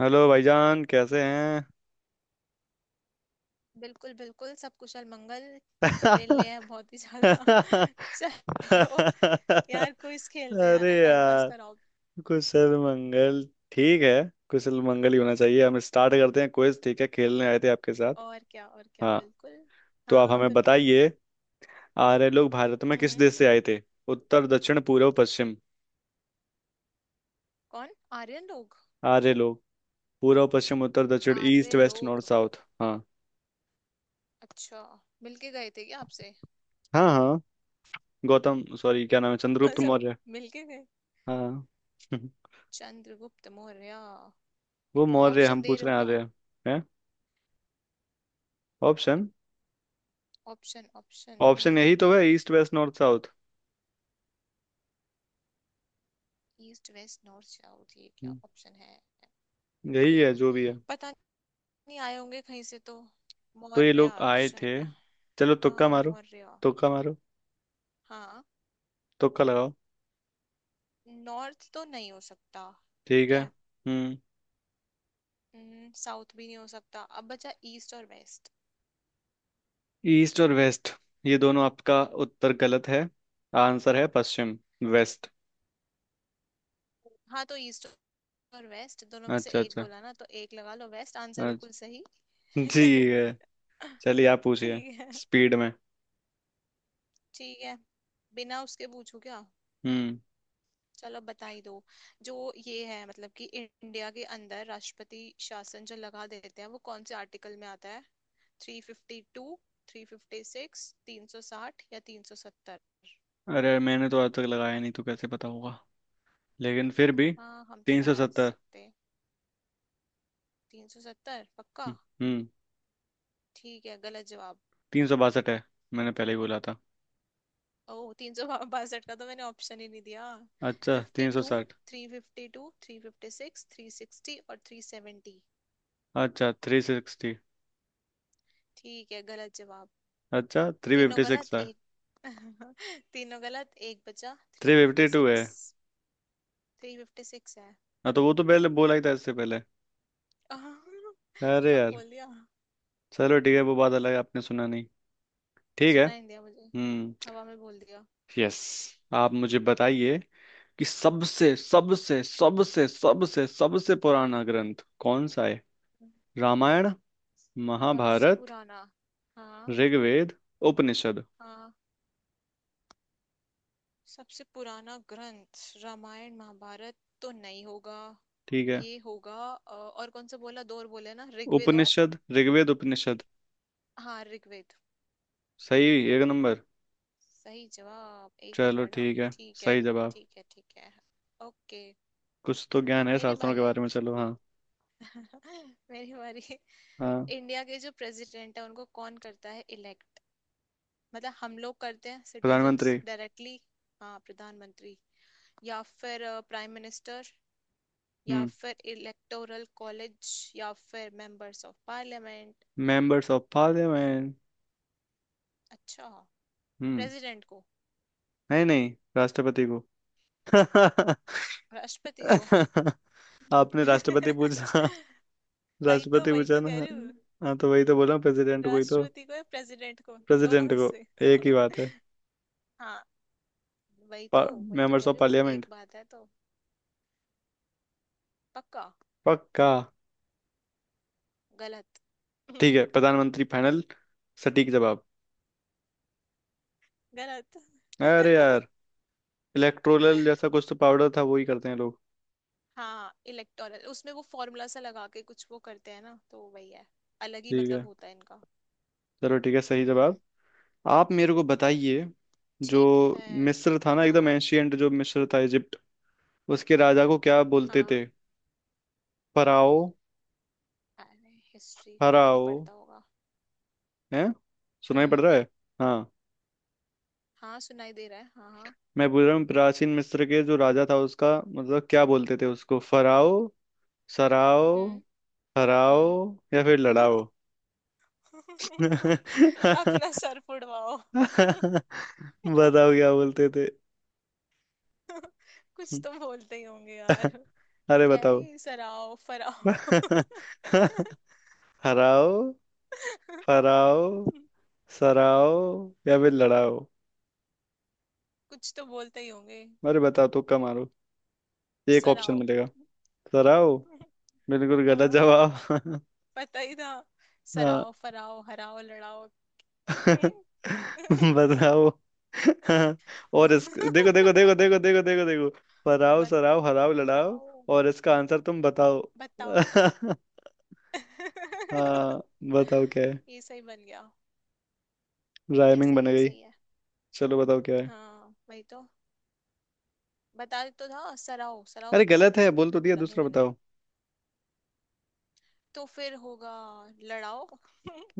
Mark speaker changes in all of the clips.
Speaker 1: Hello भाईजान, कैसे हैं।
Speaker 2: बिल्कुल बिल्कुल, सब कुशल मंगल। वेले हैं बहुत ही ज्यादा। चलो यार, क्विज खेलते हैं।
Speaker 1: अरे
Speaker 2: यार टाइम पास
Speaker 1: यार,
Speaker 2: कराओ।
Speaker 1: कुशल मंगल। ठीक है। कुशल मंगल ही होना चाहिए। हम स्टार्ट करते हैं क्विज, ठीक है। खेलने आए थे आपके साथ।
Speaker 2: और क्या, और क्या,
Speaker 1: हाँ,
Speaker 2: बिल्कुल।
Speaker 1: तो
Speaker 2: हाँ
Speaker 1: आप
Speaker 2: हाँ,
Speaker 1: हमें
Speaker 2: बिल्कुल।
Speaker 1: बताइए, आर्य लोग भारत में किस
Speaker 2: हम्म
Speaker 1: देश से आए थे? उत्तर, दक्षिण, पूर्व, पश्चिम।
Speaker 2: कौन? आर्यन लोग?
Speaker 1: आर्य लोग। पूर्व, पश्चिम, उत्तर, दक्षिण, ईस्ट,
Speaker 2: आर्य
Speaker 1: वेस्ट,
Speaker 2: लोग,
Speaker 1: नॉर्थ, साउथ। हाँ।
Speaker 2: अच्छा। मिलके गए थे क्या आपसे?
Speaker 1: हाँ हाँ। गौतम, सॉरी, क्या नाम है, चंद्रगुप्त
Speaker 2: अच्छा,
Speaker 1: मौर्य।
Speaker 2: मिलके गए।
Speaker 1: हाँ
Speaker 2: चंद्रगुप्त मौर्य।
Speaker 1: वो मौर्य, हम
Speaker 2: ऑप्शन दे
Speaker 1: पूछ
Speaker 2: रहे हो
Speaker 1: रहे हैं
Speaker 2: क्या?
Speaker 1: आर्य। ऑप्शन।
Speaker 2: ऑप्शन, ऑप्शन
Speaker 1: ऑप्शन
Speaker 2: हम्म
Speaker 1: यही तो है, east, west, north, south.
Speaker 2: East west north south, ये क्या ऑप्शन है?
Speaker 1: यही है जो भी है।
Speaker 2: पता नहीं, आए होंगे कहीं से तो।
Speaker 1: तो ये
Speaker 2: मौर्य,
Speaker 1: लोग आए
Speaker 2: अच्छा।
Speaker 1: थे। चलो तुक्का
Speaker 2: हाँ,
Speaker 1: मारो।
Speaker 2: मौर्य।
Speaker 1: तुक्का मारो,
Speaker 2: हाँ,
Speaker 1: तुक्का लगाओ।
Speaker 2: नॉर्थ तो नहीं हो सकता।
Speaker 1: ठीक
Speaker 2: ठीक
Speaker 1: है।
Speaker 2: है।
Speaker 1: हम्म।
Speaker 2: साउथ भी नहीं हो सकता। अब बचा ईस्ट और वेस्ट।
Speaker 1: ईस्ट और वेस्ट, ये दोनों आपका उत्तर गलत है। आंसर है पश्चिम, वेस्ट।
Speaker 2: हाँ, तो ईस्ट और वेस्ट दोनों में से
Speaker 1: अच्छा
Speaker 2: एक
Speaker 1: अच्छा।
Speaker 2: बोला ना, तो एक लगा लो। वेस्ट आंसर
Speaker 1: अच्छा।
Speaker 2: बिल्कुल सही।
Speaker 1: ठीक है। चलिए, आप पूछिए।
Speaker 2: ठीक है।
Speaker 1: स्पीड में।
Speaker 2: ठीक है, बिना उसके पूछू क्या?
Speaker 1: हम्म।
Speaker 2: चलो, बता ही दो। जो ये है, मतलब कि इंडिया के अंदर राष्ट्रपति शासन जो लगा देते हैं, वो कौन से आर्टिकल में आता है? Three fifty two, three fifty six, 360 या 370।
Speaker 1: अरे मैंने तो आज तक लगाया नहीं, तो कैसे पता होगा। लेकिन फिर भी,
Speaker 2: हाँ, हम तो
Speaker 1: तीन सौ
Speaker 2: लगा नहीं
Speaker 1: सत्तर
Speaker 2: सकते। 370 पक्का।
Speaker 1: हम्म।
Speaker 2: ठीक है, गलत जवाब।
Speaker 1: 362 है। मैंने पहले ही बोला था।
Speaker 2: ओह, 362 का तो मैंने ऑप्शन ही नहीं दिया।
Speaker 1: अच्छा,
Speaker 2: फिफ्टी
Speaker 1: तीन सौ
Speaker 2: टू,
Speaker 1: साठ
Speaker 2: three fifty two, three fifty six, three sixty और थ्री सेवेंटी।
Speaker 1: अच्छा, 360।
Speaker 2: ठीक है, गलत जवाब।
Speaker 1: अच्छा, थ्री
Speaker 2: तीनों
Speaker 1: फिफ्टी सिक्स
Speaker 2: गलत,
Speaker 1: है।
Speaker 2: एक तीनों गलत, एक बचा, three
Speaker 1: three
Speaker 2: fifty
Speaker 1: fifty two है।
Speaker 2: सिक्स। थ्री फिफ्टी सिक्स है।
Speaker 1: हाँ, तो वो तो पहले बोला ही था इससे पहले। अरे
Speaker 2: कब
Speaker 1: यार।
Speaker 2: बोल दिया?
Speaker 1: चलो ठीक है, वो बात अलग है, आपने सुना नहीं। ठीक है।
Speaker 2: सुनाई नहीं दिया मुझे।
Speaker 1: हम्म।
Speaker 2: हवा में बोल दिया।
Speaker 1: यस। आप मुझे बताइए कि सबसे सबसे सबसे सबसे सबसे पुराना ग्रंथ कौन सा है? रामायण,
Speaker 2: सबसे
Speaker 1: महाभारत,
Speaker 2: पुराना? हाँ।
Speaker 1: ऋग्वेद, उपनिषद।
Speaker 2: हाँ, सबसे पुराना ग्रंथ, रामायण महाभारत तो नहीं होगा।
Speaker 1: ठीक है।
Speaker 2: ये होगा। और कौन सा? बोला दो और, बोले ना ऋग्वेद और।
Speaker 1: उपनिषद, ऋग्वेद, उपनिषद।
Speaker 2: हाँ, ऋग्वेद।
Speaker 1: सही। एक नंबर।
Speaker 2: सही जवाब, एक
Speaker 1: चलो
Speaker 2: नंबर ना।
Speaker 1: ठीक है,
Speaker 2: ठीक है,
Speaker 1: सही जवाब।
Speaker 2: ठीक है, ठीक है। ओके,
Speaker 1: कुछ तो ज्ञान है
Speaker 2: मेरी
Speaker 1: शास्त्रों के
Speaker 2: बारी है।
Speaker 1: बारे में, चलो। हाँ।
Speaker 2: मेरी बारी।
Speaker 1: हाँ।
Speaker 2: इंडिया के जो प्रेसिडेंट है, उनको कौन करता है इलेक्ट? मतलब हम लोग करते हैं सिटीजन्स
Speaker 1: प्रधानमंत्री।
Speaker 2: डायरेक्टली, हाँ, प्रधानमंत्री, या फिर प्राइम मिनिस्टर, या
Speaker 1: हम्म।
Speaker 2: फिर इलेक्टोरल कॉलेज, या फिर members of parliament.
Speaker 1: Members of parliament.
Speaker 2: अच्छा,
Speaker 1: हम्म।
Speaker 2: प्रेसिडेंट को?
Speaker 1: नहीं नहीं। राष्ट्रपति को।
Speaker 2: राष्ट्रपति को।
Speaker 1: आपने राष्ट्रपति पूछा।
Speaker 2: वही तो,
Speaker 1: राष्ट्रपति
Speaker 2: वही
Speaker 1: पूछा
Speaker 2: तो कह
Speaker 1: ना।
Speaker 2: रही हूँ।
Speaker 1: हाँ, तो वही तो बोला, प्रेसिडेंट को ही तो।
Speaker 2: राष्ट्रपति को या प्रेसिडेंट को, दोनों
Speaker 1: प्रेसिडेंट
Speaker 2: में
Speaker 1: को।
Speaker 2: से।
Speaker 1: एक ही बात है।
Speaker 2: हाँ, वही तो, वही तो
Speaker 1: मेंबर्स
Speaker 2: कह
Speaker 1: ऑफ
Speaker 2: रही हूँ, एक
Speaker 1: पार्लियामेंट।
Speaker 2: बात है तो। पक्का।
Speaker 1: पक्का।
Speaker 2: गलत।
Speaker 1: ठीक है, प्रधानमंत्री फाइनल। सटीक जवाब।
Speaker 2: गलत।
Speaker 1: अरे यार। इलेक्ट्रोलल जैसा कुछ तो पाउडर था, वो ही करते हैं लोग।
Speaker 2: हाँ, इलेक्टोरल, उसमें वो फॉर्मूला सा लगा के कुछ वो करते हैं ना, तो वही है। अलग ही
Speaker 1: ठीक
Speaker 2: मतलब
Speaker 1: है।
Speaker 2: होता है इनका।
Speaker 1: चलो ठीक है, सही
Speaker 2: हम्म
Speaker 1: जवाब। आप मेरे को बताइए। जो
Speaker 2: ठीक है।
Speaker 1: मिस्र था ना, एकदम
Speaker 2: हाँ
Speaker 1: एंशियंट, जो मिस्र था, इजिप्ट, उसके राजा को क्या बोलते
Speaker 2: हाँ,
Speaker 1: थे? फराओ,
Speaker 2: अरे हिस्ट्री कौन ही
Speaker 1: हराओ?
Speaker 2: पढ़ता होगा।
Speaker 1: है? सुनाई पड़
Speaker 2: हम्म
Speaker 1: रहा है? हाँ।
Speaker 2: हाँ, सुनाई दे रहा है, हाँ हाँ।
Speaker 1: मैं बोल रहा हूँ, प्राचीन मिस्र के जो राजा था उसका मतलब क्या बोलते थे उसको, फराओ, सराओ,
Speaker 2: हम्म।
Speaker 1: हराओ
Speaker 2: हम्म।
Speaker 1: या फिर लड़ाओ?
Speaker 2: अपना सर फुड़वाओ।
Speaker 1: बताओ क्या बोलते थे।
Speaker 2: कुछ तो बोलते ही होंगे यार।
Speaker 1: अरे
Speaker 2: क्या है
Speaker 1: बताओ।
Speaker 2: ये, सराओ फराओ?
Speaker 1: हराओ, फराओ, सराओ या फिर लड़ाओ।
Speaker 2: कुछ तो बोलते ही होंगे।
Speaker 1: अरे बताओ, तुक्का मारो, एक ऑप्शन
Speaker 2: सराओ।
Speaker 1: मिलेगा। सराओ। बिल्कुल गलत
Speaker 2: हाँ,
Speaker 1: जवाब।
Speaker 2: पता ही था।
Speaker 1: हाँ।
Speaker 2: सराओ, फराओ, हराओ, लड़ाओ।
Speaker 1: बताओ। हाँ, और इस, देखो देखो देखो देखो देखो देखो देखो। फराओ, सराओ, हराओ, लड़ाओ।
Speaker 2: बताओ।
Speaker 1: और इसका आंसर तुम बताओ।
Speaker 2: बताओ।
Speaker 1: हाँ, बताओ क्या है।
Speaker 2: ये सही बन गया। ये
Speaker 1: राइमिंग बन
Speaker 2: सही है,
Speaker 1: गई।
Speaker 2: सही है।
Speaker 1: चलो बताओ क्या है।
Speaker 2: हाँ, वही तो। बता तो था, सराओ सराओ
Speaker 1: अरे गलत है, बोल तो दिया,
Speaker 2: बोला था
Speaker 1: दूसरा
Speaker 2: मैंने।
Speaker 1: बताओ।
Speaker 2: तो फिर होगा लड़ाओ।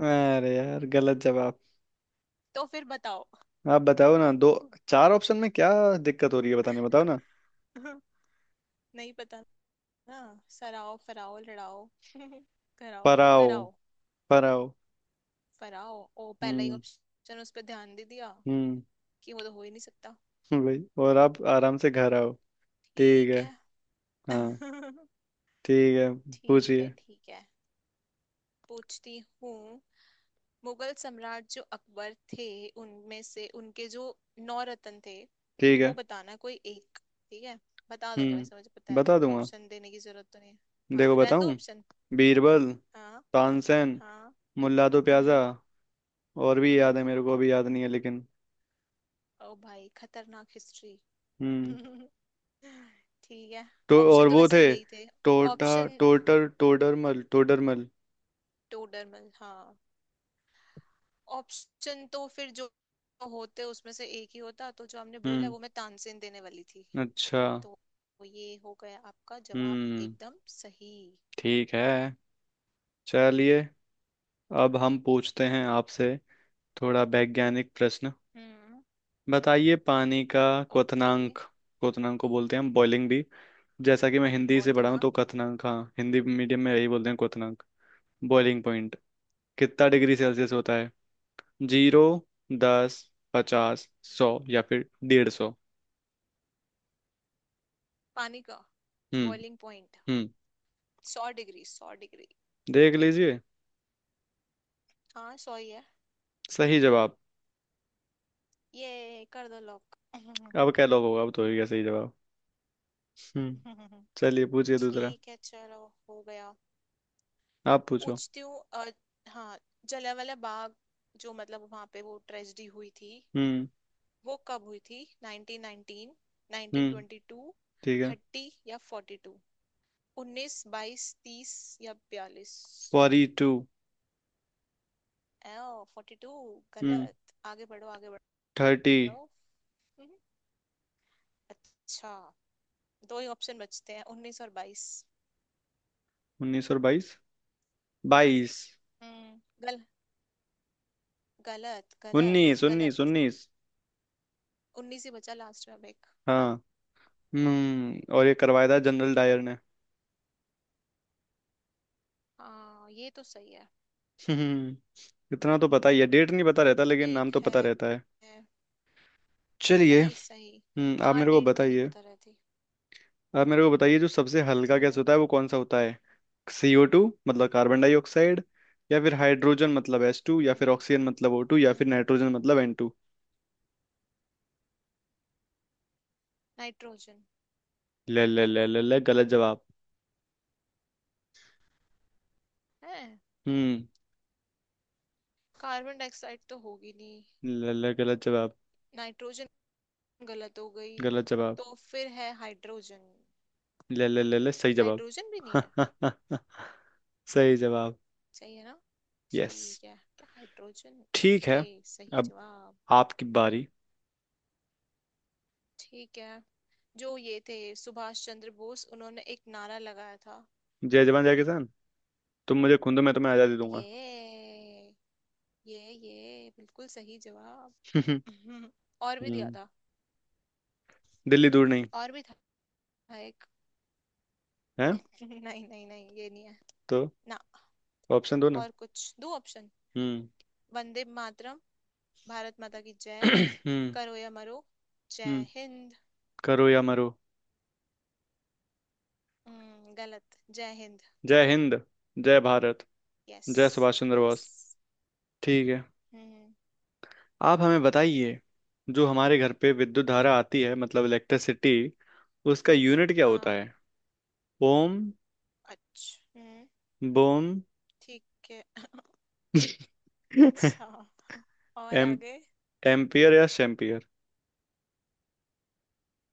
Speaker 1: अरे यार, गलत जवाब।
Speaker 2: तो फिर बताओ।
Speaker 1: आप बताओ ना, दो चार ऑप्शन में क्या दिक्कत हो रही है बताने, बताओ।
Speaker 2: नहीं पता ना। सराओ, फराओ, लड़ाओ। घराओ,
Speaker 1: पराओ, पराओ।
Speaker 2: फराओ ओ, पहला ही
Speaker 1: हम्म।
Speaker 2: ऑप्शन, उस पर ध्यान दे दिया
Speaker 1: हम्म।
Speaker 2: कि वो तो हो ही नहीं सकता।
Speaker 1: भाई, और आप आराम से घर आओ। ठीक
Speaker 2: ठीक
Speaker 1: है।
Speaker 2: है।
Speaker 1: हाँ। ठीक है।
Speaker 2: ठीक है।
Speaker 1: पूछिए।
Speaker 2: ठीक है, पूछती हूँ। मुगल सम्राट जो अकबर थे, उनमें से उनके जो नौ रत्न थे,
Speaker 1: ठीक
Speaker 2: वो
Speaker 1: है।
Speaker 2: बताना, कोई एक। ठीक है, बता दोगे वैसे, मुझे पता
Speaker 1: हम्म,
Speaker 2: है,
Speaker 1: बता दूंगा।
Speaker 2: ऑप्शन देने की जरूरत तो नहीं है।
Speaker 1: देखो,
Speaker 2: हाँ, रहने दो
Speaker 1: बताऊं।
Speaker 2: ऑप्शन।
Speaker 1: बीरबल,
Speaker 2: हाँ।
Speaker 1: तानसेन,
Speaker 2: हाँ।
Speaker 1: मुल्ला दो प्याजा,
Speaker 2: हम्म।
Speaker 1: और भी याद है
Speaker 2: हम्म।
Speaker 1: मेरे को, अभी याद नहीं है लेकिन।
Speaker 2: ओ भाई, खतरनाक हिस्ट्री।
Speaker 1: हम्म।
Speaker 2: ठीक है।
Speaker 1: तो और
Speaker 2: ऑप्शन तो
Speaker 1: वो
Speaker 2: वैसे
Speaker 1: थे,
Speaker 2: यही थे।
Speaker 1: टोटा
Speaker 2: ऑप्शन
Speaker 1: टोटर टोडरमल टोडरमल।
Speaker 2: डोडरमल, हाँ। ऑप्शन तो फिर जो होते, उसमें से एक ही होता, तो जो हमने बोला,
Speaker 1: हम्म।
Speaker 2: वो मैं तानसेन देने वाली थी।
Speaker 1: अच्छा।
Speaker 2: तो ये हो गया आपका जवाब,
Speaker 1: हम्म।
Speaker 2: एकदम सही।
Speaker 1: ठीक है। चलिए, अब हम पूछते हैं आपसे, थोड़ा वैज्ञानिक प्रश्न।
Speaker 2: हम्म,
Speaker 1: बताइए पानी का
Speaker 2: ओके।
Speaker 1: क्वथनांक। क्वथनांक को बोलते हैं हम बॉइलिंग भी। जैसा कि मैं हिंदी से पढ़ा हूँ, तो
Speaker 2: क्वथनांक,
Speaker 1: क्वथनांक, हाँ हिंदी मीडियम में यही बोलते हैं, क्वथनांक। बॉइलिंग पॉइंट कितना डिग्री सेल्सियस होता है? 0, 10, 50, 100 या फिर 150?
Speaker 2: पानी का
Speaker 1: हम्म।
Speaker 2: बॉइलिंग पॉइंट,
Speaker 1: हम्म,
Speaker 2: 100 डिग्री, सौ डिग्री।
Speaker 1: देख लीजिए।
Speaker 2: हाँ, सौ ही है।
Speaker 1: सही जवाब।
Speaker 2: ये कर दो लॉक।
Speaker 1: अब क्या लोग होगा, अब तो हो गया सही जवाब। हम्म। चलिए, पूछिए दूसरा।
Speaker 2: ठीक है, चलो, हो गया।
Speaker 1: आप पूछो।
Speaker 2: पूछती हूँ। हाँ, जलियांवाला बाग जो, मतलब वहां पे वो ट्रेजेडी हुई थी,
Speaker 1: हम्म।
Speaker 2: वो कब हुई थी? 1919,
Speaker 1: हम्म।
Speaker 2: 1922,
Speaker 1: ठीक है,
Speaker 2: 30 या 42? उन्नीस, बाईस, तीस या बयालीस?
Speaker 1: 42।
Speaker 2: एओ, फोर्टी टू
Speaker 1: हम्म,
Speaker 2: गलत, आगे बढ़ो, आगे
Speaker 1: 30।
Speaker 2: बढ़ो। हम्म, अच्छा, दो ही ऑप्शन बचते हैं, उन्नीस और बाईस।
Speaker 1: 19 और 22, 22।
Speaker 2: हम्म गल गलत, गलत,
Speaker 1: 19, 19,
Speaker 2: गलत।
Speaker 1: 19।
Speaker 2: उन्नीस ही बचा, लास्ट में अब एक।
Speaker 1: हाँ। हम्म, और ये करवाया था जनरल डायर ने।
Speaker 2: हाँ, ये तो सही है।
Speaker 1: हम्म। इतना तो पता ही है, डेट नहीं पता रहता लेकिन नाम
Speaker 2: ठीक
Speaker 1: तो
Speaker 2: है
Speaker 1: पता रहता है।
Speaker 2: है,
Speaker 1: चलिए।
Speaker 2: सही सही।
Speaker 1: हम्म। आप
Speaker 2: हाँ,
Speaker 1: मेरे को
Speaker 2: डेट तो नहीं
Speaker 1: बताइए।
Speaker 2: पता रहती।
Speaker 1: आप मेरे को बताइए, जो सबसे हल्का गैस
Speaker 2: हम्म।
Speaker 1: होता है वो कौन सा होता है? CO2, मतलब कार्बन डाइऑक्साइड, या फिर हाइड्रोजन, मतलब H2, या
Speaker 2: हम्म।
Speaker 1: फिर ऑक्सीजन, मतलब O2, या फिर
Speaker 2: हम्म।
Speaker 1: नाइट्रोजन, मतलब N2।
Speaker 2: नाइट्रोजन
Speaker 1: ले ले ले ले ले, गलत जवाब।
Speaker 2: है।
Speaker 1: हम्म।
Speaker 2: कार्बन डाइऑक्साइड तो होगी नहीं।
Speaker 1: ले ले, गलत जवाब।
Speaker 2: नाइट्रोजन गलत हो गई।
Speaker 1: गलत जवाब।
Speaker 2: तो फिर है हाइड्रोजन।
Speaker 1: ले ले ले ले, सही जवाब।
Speaker 2: हाइड्रोजन भी नहीं है?
Speaker 1: सही जवाब।
Speaker 2: सही है ना?
Speaker 1: यस।
Speaker 2: ठीक है, क्या हाइड्रोजन?
Speaker 1: ठीक है।
Speaker 2: ओके, सही
Speaker 1: अब
Speaker 2: जवाब।
Speaker 1: आपकी बारी।
Speaker 2: ठीक है। जो ये थे, सुभाष चंद्र बोस, उन्होंने एक नारा लगाया था।
Speaker 1: जय जवान जय किसान। तुम मुझे खून दो, मैं तुम्हें आजादी दूंगा।
Speaker 2: ये, ये ये बिल्कुल सही जवाब। और भी दिया
Speaker 1: हम्म।
Speaker 2: था,
Speaker 1: दिल्ली दूर नहीं
Speaker 2: और भी था एक।
Speaker 1: है।
Speaker 2: नहीं नहीं नहीं, ये नहीं है
Speaker 1: तो
Speaker 2: ना।
Speaker 1: ऑप्शन दो ना।
Speaker 2: और कुछ दो ऑप्शन,
Speaker 1: हम्म।
Speaker 2: वंदे मातरम, भारत माता की जय,
Speaker 1: हम्म।
Speaker 2: करो या मरो, जय
Speaker 1: हम्म।
Speaker 2: हिंद।
Speaker 1: करो या मरो,
Speaker 2: हम्म, गलत। जय हिंद,
Speaker 1: जय हिंद, जय भारत,
Speaker 2: यस,
Speaker 1: जय सुभाष चंद्र
Speaker 2: यस।
Speaker 1: बोस। ठीक है।
Speaker 2: हम्म,
Speaker 1: आप हमें बताइए, जो हमारे घर पे विद्युत धारा आती है, मतलब इलेक्ट्रिसिटी, उसका यूनिट क्या होता
Speaker 2: हाँ,
Speaker 1: है? ओम,
Speaker 2: अच्छा। हम्म,
Speaker 1: बोम।
Speaker 2: ठीक है। अच्छा, और
Speaker 1: एम
Speaker 2: आगे।
Speaker 1: एम्पियर या शेम्पियर।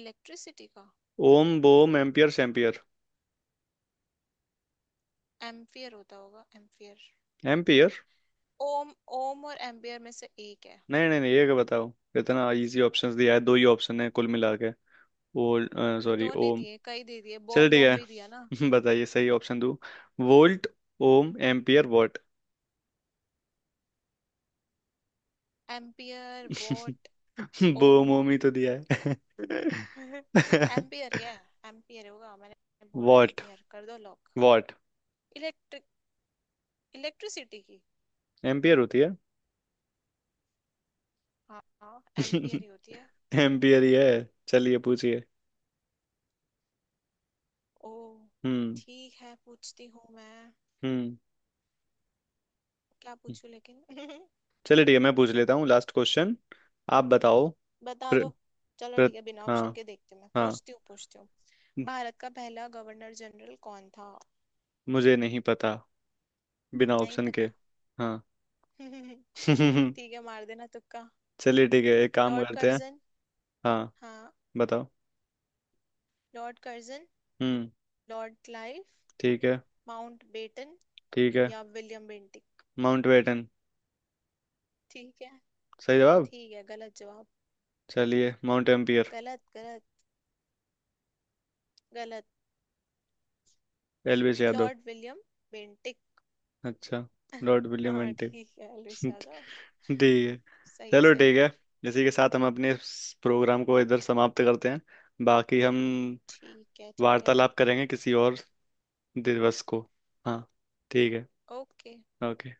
Speaker 2: इलेक्ट्रिसिटी का?
Speaker 1: ओम, बोम, एम्पियर, शैम्पियर।
Speaker 2: एम्पियर होता होगा, एम्पियर।
Speaker 1: एम्पियर।
Speaker 2: ओम, ओम और एम्पियर में से एक है।
Speaker 1: नहीं नहीं नहीं, ये क्या बताओ, इतना इजी ऑप्शंस दिया है, दो ही ऑप्शन है कुल मिला के। वोल्ट,
Speaker 2: दो
Speaker 1: सॉरी
Speaker 2: नहीं
Speaker 1: ओम।
Speaker 2: दिए, कई दे दिए,
Speaker 1: चलो
Speaker 2: बॉम
Speaker 1: ठीक
Speaker 2: बॉम भी दिया ना।
Speaker 1: है बताइए सही ऑप्शन दो। Volt, ohm, ampere, watt.
Speaker 2: Ampere, what, ohm.
Speaker 1: बोम, ओम ही तो दिया है
Speaker 2: एम्पियर ही है। एम्पियर होगा, मैंने बोला
Speaker 1: वॉट,
Speaker 2: एम्पियर, कर दो लॉक।
Speaker 1: वॉट।
Speaker 2: इलेक्ट्रिक इलेक्ट्रिसिटी की,
Speaker 1: एम्पियर होती है।
Speaker 2: हाँ, एम्पियर ही होती है।
Speaker 1: एम्पियर ही है। चलिए, पूछिए।
Speaker 2: ओह,
Speaker 1: हम्म।
Speaker 2: ठीक है, पूछती हूँ मैं।
Speaker 1: हम्म।
Speaker 2: क्या
Speaker 1: हम्म।
Speaker 2: पूछूं लेकिन?
Speaker 1: चलिए ठीक है, मैं पूछ लेता हूँ लास्ट क्वेश्चन। आप बताओ।
Speaker 2: बता
Speaker 1: प्र,
Speaker 2: दो। चलो
Speaker 1: प्र,
Speaker 2: ठीक है, बिना ऑप्शन
Speaker 1: हाँ।
Speaker 2: के देखती हूँ, मैं
Speaker 1: हाँ।
Speaker 2: पूछती हूँ, पूछती हूँ। भारत का पहला गवर्नर जनरल कौन था?
Speaker 1: मुझे नहीं पता, बिना
Speaker 2: नहीं
Speaker 1: ऑप्शन के।
Speaker 2: पता।
Speaker 1: हाँ।
Speaker 2: ठीक है, मार देना तुक्का।
Speaker 1: चलिए ठीक है, एक काम
Speaker 2: लॉर्ड
Speaker 1: करते हैं।
Speaker 2: कर्जन।
Speaker 1: हाँ,
Speaker 2: हाँ,
Speaker 1: बताओ।
Speaker 2: लॉर्ड कर्जन,
Speaker 1: हम्म।
Speaker 2: लॉर्ड क्लाइव,
Speaker 1: ठीक है,
Speaker 2: माउंट बेटन
Speaker 1: ठीक है,
Speaker 2: या विलियम बेंटिक।
Speaker 1: Mountbatten.
Speaker 2: ठीक है।
Speaker 1: सही जवाब।
Speaker 2: ठीक है, गलत जवाब।
Speaker 1: चलिए, माउंट एम्पियर,
Speaker 2: गलत, गलत, गलत।
Speaker 1: LBS Yadav.
Speaker 2: Lord William Bentinck.
Speaker 1: अच्छा, लॉर्ड विलियम
Speaker 2: हाँ,
Speaker 1: बेंटिक।
Speaker 2: ठीक है, अल्विश यादव।
Speaker 1: ठीक है।
Speaker 2: सही,
Speaker 1: चलो ठीक है।
Speaker 2: सही।
Speaker 1: इसी के साथ हम अपने इस प्रोग्राम को इधर समाप्त करते हैं। बाकी हम
Speaker 2: ठीक है, ठीक है,
Speaker 1: वार्तालाप करेंगे किसी और दिवस को। हाँ। ठीक है।
Speaker 2: ओके।
Speaker 1: ओके।